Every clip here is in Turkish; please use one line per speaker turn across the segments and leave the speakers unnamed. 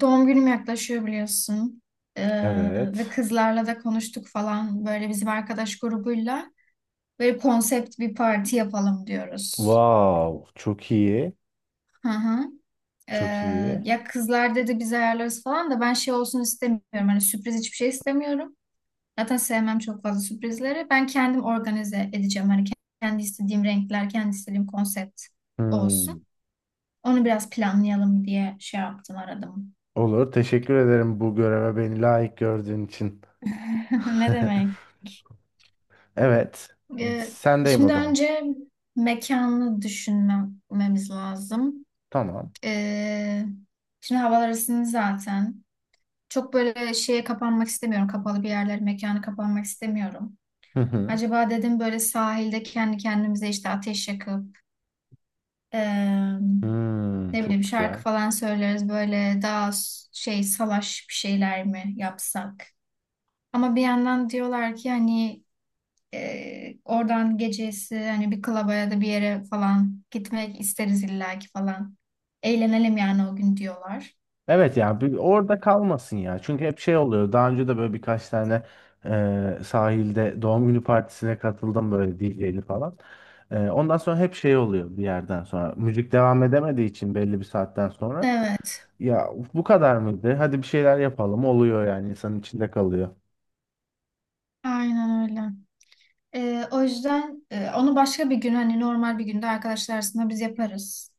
Doğum günüm yaklaşıyor biliyorsun. Ve
Evet.
kızlarla da konuştuk falan böyle bizim arkadaş grubuyla. Böyle konsept bir parti yapalım diyoruz.
Wow, çok iyi.
Hı hı. Ee,
Çok iyi.
Ya kızlar dedi biz ayarlarız falan da ben şey olsun istemiyorum. Hani sürpriz hiçbir şey istemiyorum. Zaten sevmem çok fazla sürprizleri. Ben kendim organize edeceğim. Hani kendi istediğim renkler, kendi istediğim konsept
Hmm.
olsun. Onu biraz planlayalım diye şey yaptım, aradım.
Olur. Teşekkür ederim bu göreve beni layık gördüğün için.
Ne demek?
Evet.
Ee,
Sendeyim o
şimdi
zaman.
önce mekanı düşünmemiz lazım.
Tamam.
Ee, şimdi havalar ısındı zaten. Çok böyle şeye kapanmak istemiyorum. Kapalı bir yerler mekanı kapanmak istemiyorum.
Hı hı.
Acaba dedim böyle sahilde kendi kendimize işte ateş yakıp eee,
Hmm,
ne
çok
bileyim şarkı
güzel.
falan söyleriz. Böyle daha şey salaş bir şeyler mi yapsak? Ama bir yandan diyorlar ki hani oradan gecesi hani bir klaba ya da bir yere falan gitmek isteriz illaki falan. Eğlenelim yani o gün diyorlar.
Evet ya bir orada kalmasın ya. Çünkü hep şey oluyor. Daha önce de böyle birkaç tane sahilde doğum günü partisine katıldım böyle DJ'li falan. Ondan sonra hep şey oluyor bir yerden sonra. Müzik devam edemediği için belli bir saatten sonra.
Evet,
Ya bu kadar mıydı? Hadi bir şeyler yapalım oluyor yani insanın içinde kalıyor.
aynen öyle. O yüzden onu başka bir gün hani normal bir günde arkadaşlar arasında biz yaparız.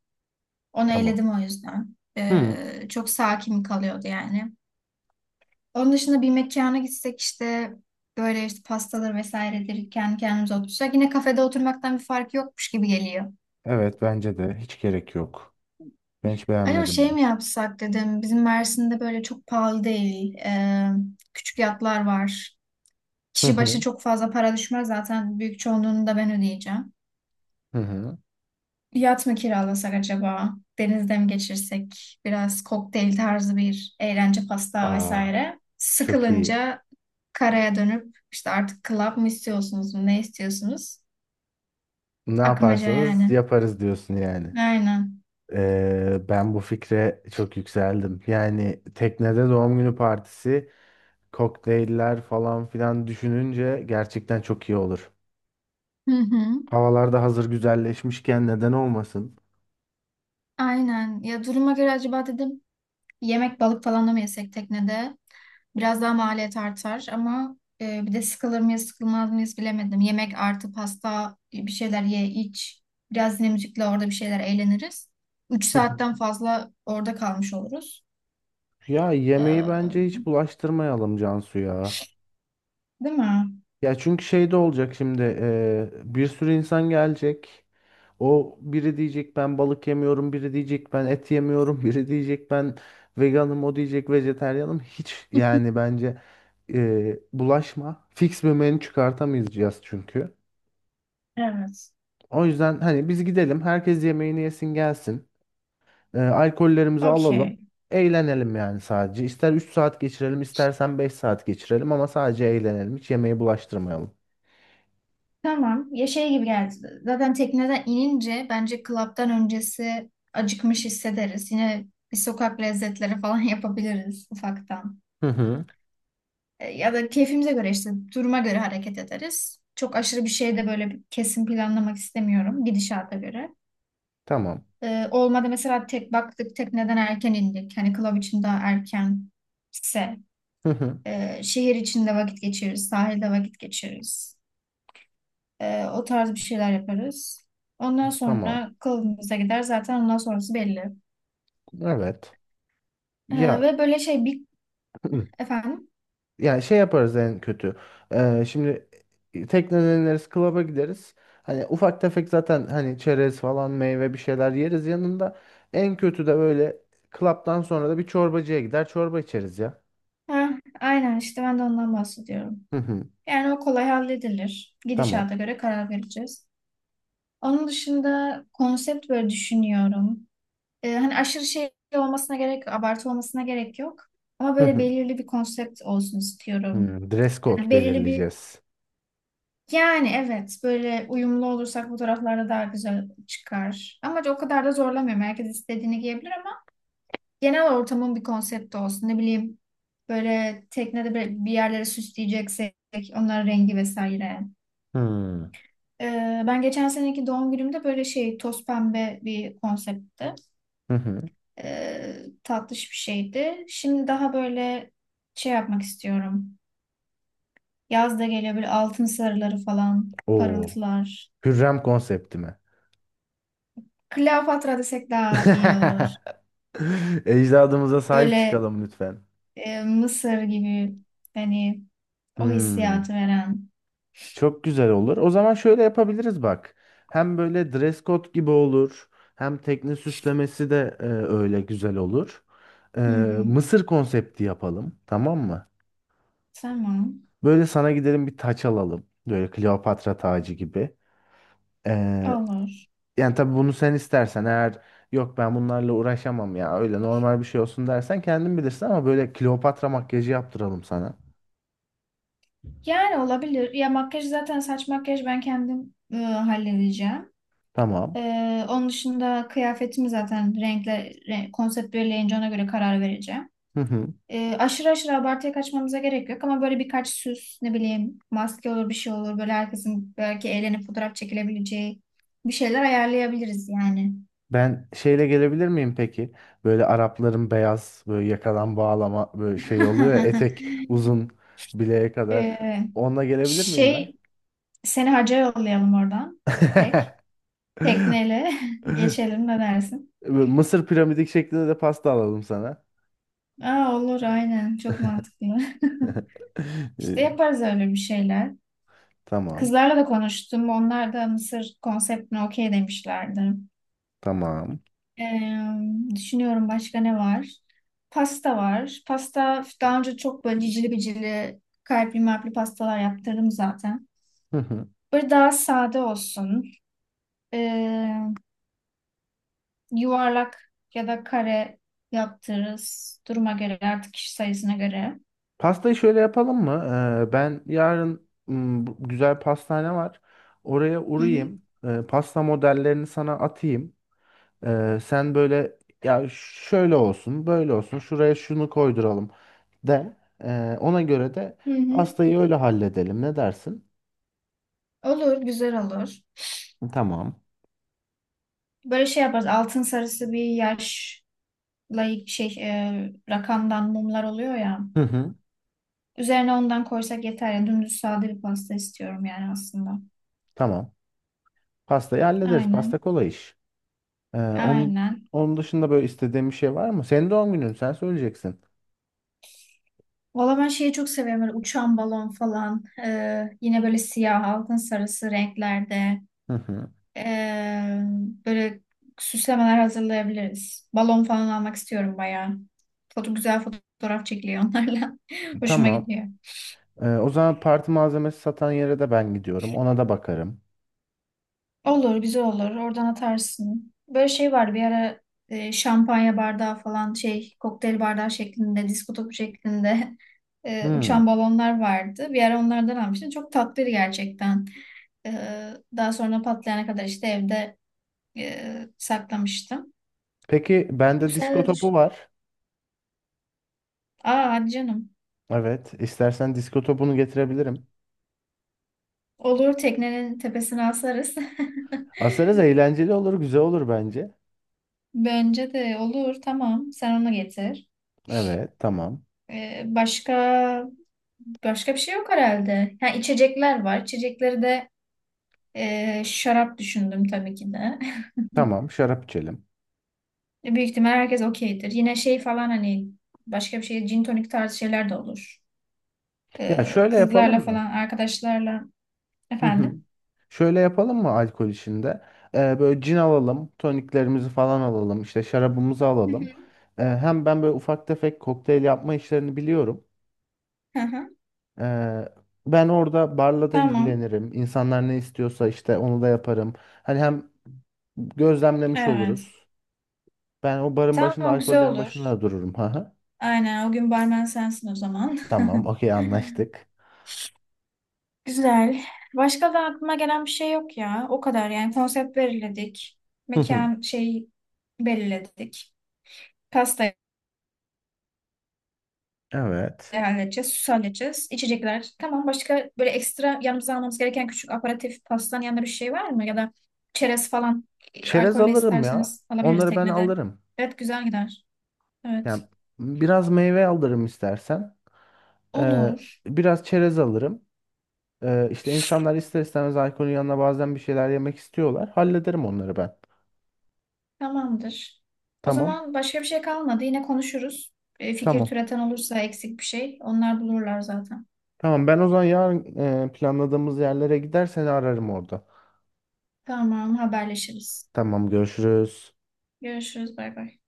Onu
Tamam.
eyledim o yüzden.
Hı,
Çok sakin kalıyordu yani. Onun dışında bir mekana gitsek işte böyle işte pastalar vesairedir kendi kendimize otursak yine kafede oturmaktan bir fark yokmuş gibi geliyor.
evet bence de hiç gerek yok. Ben hiç
Acaba
beğenmedim
şey
bunu.
mi yapsak dedim. Bizim Mersin'de böyle çok pahalı değil. Küçük yatlar var.
Hı
Kişi başı
hı.
çok fazla para düşmez. Zaten büyük çoğunluğunu da ben ödeyeceğim.
Hı hı.
Yat mı kiralasak acaba? Denizde mi geçirsek? Biraz kokteyl tarzı bir eğlence pasta
Aa,
vesaire.
çok iyi.
Sıkılınca karaya dönüp işte artık club mı istiyorsunuz mu? Ne istiyorsunuz?
Ne
Akmaca
yaparsanız
yani.
yaparız diyorsun yani.
Aynen.
Ben bu fikre çok yükseldim. Yani teknede doğum günü partisi, kokteyller falan filan düşününce gerçekten çok iyi olur.
Hı hı.
Havalar da hazır güzelleşmişken neden olmasın?
Aynen. Ya duruma göre acaba dedim yemek balık falan da mı yesek teknede? Biraz daha maliyet artar ama bir de sıkılır mıyız sıkılmaz mıyız bilemedim. Yemek artı pasta bir şeyler ye iç. Biraz yine müzikle orada bir şeyler eğleniriz. Üç saatten fazla orada kalmış oluruz.
Ya yemeği bence
Ee,
hiç bulaştırmayalım Cansu ya.
değil mi?
Ya çünkü şey de olacak şimdi bir sürü insan gelecek. O biri diyecek ben balık yemiyorum, biri diyecek ben et yemiyorum, biri diyecek ben veganım, o diyecek vejetaryenim. Hiç yani bence bulaşma. Fix bir menü çıkartamayacağız çünkü.
Evet.
O yüzden hani biz gidelim, herkes yemeğini yesin gelsin. Alkollerimizi alalım.
Okey.
Eğlenelim yani sadece. İster 3 saat geçirelim, istersen 5 saat geçirelim ama sadece eğlenelim. Hiç yemeği bulaştırmayalım.
Tamam. Ya şey gibi geldi. Zaten tekneden inince bence klaptan öncesi acıkmış hissederiz. Yine bir sokak lezzetleri falan yapabiliriz ufaktan.
Hı hı.
E, ya da keyfimize göre işte duruma göre hareket ederiz. Çok aşırı bir şey de böyle bir kesin planlamak istemiyorum gidişata göre.
Tamam.
E, olmadı mesela tek baktık tekneden erken indik. Hani club için daha erkense şehir içinde vakit geçiririz, sahilde vakit geçiririz. E, o tarz bir şeyler yaparız. Ondan
Tamam.
sonra club'ımıza gider zaten ondan sonrası belli.
Evet.
E,
Ya
ve böyle şey bir efendim.
ya şey yaparız en kötü. Şimdi tekneden ineriz, klaba gideriz. Hani ufak tefek zaten hani çerez falan meyve bir şeyler yeriz yanında. En kötü de böyle klaptan sonra da bir çorbacıya gider çorba içeriz ya.
Ha, aynen işte ben de ondan bahsediyorum.
Hı hı.
Yani o kolay halledilir.
Tamam.
Gidişata göre karar vereceğiz. Onun dışında konsept böyle düşünüyorum. Hani aşırı şey olmasına gerek abartı olmasına gerek yok. Ama
Hı
böyle
hı.
belirli bir konsept olsun istiyorum.
Hmm, dress code
Yani belirli bir
belirleyeceğiz.
yani evet böyle uyumlu olursak fotoğraflarda daha güzel çıkar. Ama o kadar da zorlamıyorum. Herkes istediğini giyebilir ama genel ortamın bir konsepti olsun. Ne bileyim böyle teknede bir yerlere süsleyeceksek onların rengi vesaire.
Hmm.
Ben geçen seneki doğum günümde böyle şey toz pembe bir konseptti.
Hı hı.
E, tatlış bir şeydi. Şimdi daha böyle şey yapmak istiyorum. Yaz da geliyor böyle altın sarıları falan,
Oo.
parıltılar.
Hürrem konsepti mi?
Kleopatra desek daha iyi olur.
Ecdadımıza sahip
Böyle
çıkalım lütfen.
Mısır gibi hani o
Hmm.
hissiyatı veren.
Çok güzel olur. O zaman şöyle yapabiliriz bak. Hem böyle dress code gibi olur. Hem tekne süslemesi de öyle güzel olur. E,
Hı hı.
Mısır konsepti yapalım. Tamam mı?
Tamam.
Böyle sana gidelim bir taç alalım. Böyle Kleopatra tacı gibi. E,
Olur.
Yani tabii bunu sen istersen eğer yok ben bunlarla uğraşamam ya öyle normal bir şey olsun dersen kendin bilirsin ama böyle Kleopatra makyajı yaptıralım sana.
Yani olabilir. Ya makyaj zaten saç makyaj ben kendim halledeceğim.
Tamam.
E, onun dışında kıyafetimi zaten renkle konsept belirleyince ona göre karar vereceğim. E, aşırı aşırı abartıya kaçmamıza gerek yok ama böyle birkaç süs ne bileyim maske olur bir şey olur böyle herkesin belki eğlenip fotoğraf çekilebileceği bir şeyler ayarlayabiliriz yani.
Ben şeyle gelebilir miyim peki? Böyle Arapların beyaz böyle yakadan bağlama böyle şey oluyor ya, etek uzun bileğe kadar.
E,
Onunla gelebilir miyim ben?
şey seni hacca yollayalım oradan direkt tekneyle geçelim ne dersin?
Böyle Mısır piramidik şeklinde de pasta alalım sana.
Aa, olur aynen çok mantıklı. İşte
Ee,
yaparız öyle bir şeyler.
Tamam.
Kızlarla da konuştum. Onlar da Mısır konseptine okey demişlerdi.
Tamam.
Ee, düşünüyorum başka ne var? Pasta var. Pasta daha önce çok böyle cicili bicili kalpli malpli pastalar yaptırdım zaten.
Hı hı.
Böyle daha sade olsun. Ee, yuvarlak ya da kare yaptırırız. Duruma göre artık kişi sayısına göre.
Pastayı şöyle yapalım mı? Ben yarın bu güzel pastane var. Oraya
Hı hı.
uğrayayım. Pasta modellerini sana atayım. Sen böyle ya şöyle olsun, böyle olsun, şuraya şunu koyduralım de. Ona göre de
Hı hı.
pastayı öyle halledelim. Ne dersin?
Olur, güzel olur.
Tamam.
Böyle şey yaparız. Altın sarısı bir yaşla şey rakamdan mumlar oluyor ya.
Hı hı.
Üzerine ondan koysak yeter ya. Dümdüz sade bir pasta istiyorum yani aslında.
Tamam. Pastayı hallederiz. Pasta
Aynen.
kolay iş. Ee, onun
Aynen.
onun dışında böyle istediğin bir şey var mı? Senin doğum günün, sen söyleyeceksin.
Valla ben şeyi çok seviyorum. Böyle uçan balon falan. Yine böyle siyah, altın sarısı renklerde.
Hı hı.
Ee, böyle süslemeler hazırlayabiliriz. Balon falan almak istiyorum bayağı. Foto, güzel fotoğraf çekiliyor onlarla. Hoşuma
Tamam.
gidiyor.
O zaman parti malzemesi satan yere de ben gidiyorum. Ona da bakarım.
Olur, güzel olur. Oradan atarsın. Böyle şey var bir ara şampanya bardağı falan şey kokteyl bardağı şeklinde, disko topu şeklinde e,
Hmm.
uçan balonlar vardı. Bir ara onlardan almıştım. Çok tatlıydı gerçekten. E, daha sonra patlayana kadar işte evde saklamıştım.
Peki
Bu
bende
sene
disko
de düş.
topu var.
Aa hadi canım.
Evet, istersen disko topunu getirebilirim.
Olur teknenin tepesine asarız.
Asarız, eğlenceli olur, güzel olur bence.
Bence de olur tamam. Sen onu getir.
Evet, tamam.
E, başka başka bir şey yok herhalde. Ha, içecekler var. İçecekleri de şarap düşündüm tabii ki de.
Tamam, şarap içelim.
Büyük ihtimal herkes okeydir. Yine şey falan hani başka bir şey gin tonik tarzı şeyler de olur.
Ya
E,
şöyle
kızlarla
yapalım mı?
falan arkadaşlarla
Hı hı.
efendim.
Şöyle yapalım mı alkol işinde? Böyle cin alalım, toniklerimizi falan alalım, işte şarabımızı
Hı
alalım.
hı.
Hem ben böyle ufak tefek kokteyl yapma işlerini biliyorum.
Hı hı.
Ee, Ben orada barla da
Tamam.
ilgilenirim. İnsanlar ne istiyorsa işte onu da yaparım. Hani hem gözlemlemiş
Evet.
oluruz. Ben o barın başında,
Tamam güzel
alkollerin başında
olur.
da dururum. Ha,
Aynen o gün barmen sensin o zaman.
tamam, okey anlaştık.
Güzel. Başka da aklıma gelen bir şey yok ya. O kadar yani konsept belirledik. Mekan şey belirledik. Pastayı
Evet.
halledeceğiz, süsü halledeceğiz, içecekler. Tamam başka böyle ekstra yanımıza almamız gereken küçük aperatif pastanın yanında bir şey var mı? Ya da çerez falan
Çerez
alkolle
alırım ya.
isterseniz alabiliriz
Onları ben
teknede.
alırım.
Evet güzel gider. Evet.
Yani biraz meyve alırım istersen. Ee,
Olur.
Biraz çerez alırım. İşte insanlar ister istemez alkolün yanına bazen bir şeyler yemek istiyorlar. Hallederim onları ben.
Tamamdır. O
Tamam.
zaman başka bir şey kalmadı. Yine konuşuruz. E, fikir
Tamam.
türeten olursa eksik bir şey onlar bulurlar zaten.
Tamam, ben o zaman yarın planladığımız yerlere gidersen ararım orada.
Tamam haberleşiriz.
Tamam, görüşürüz.
Görüşürüz. Bay bay.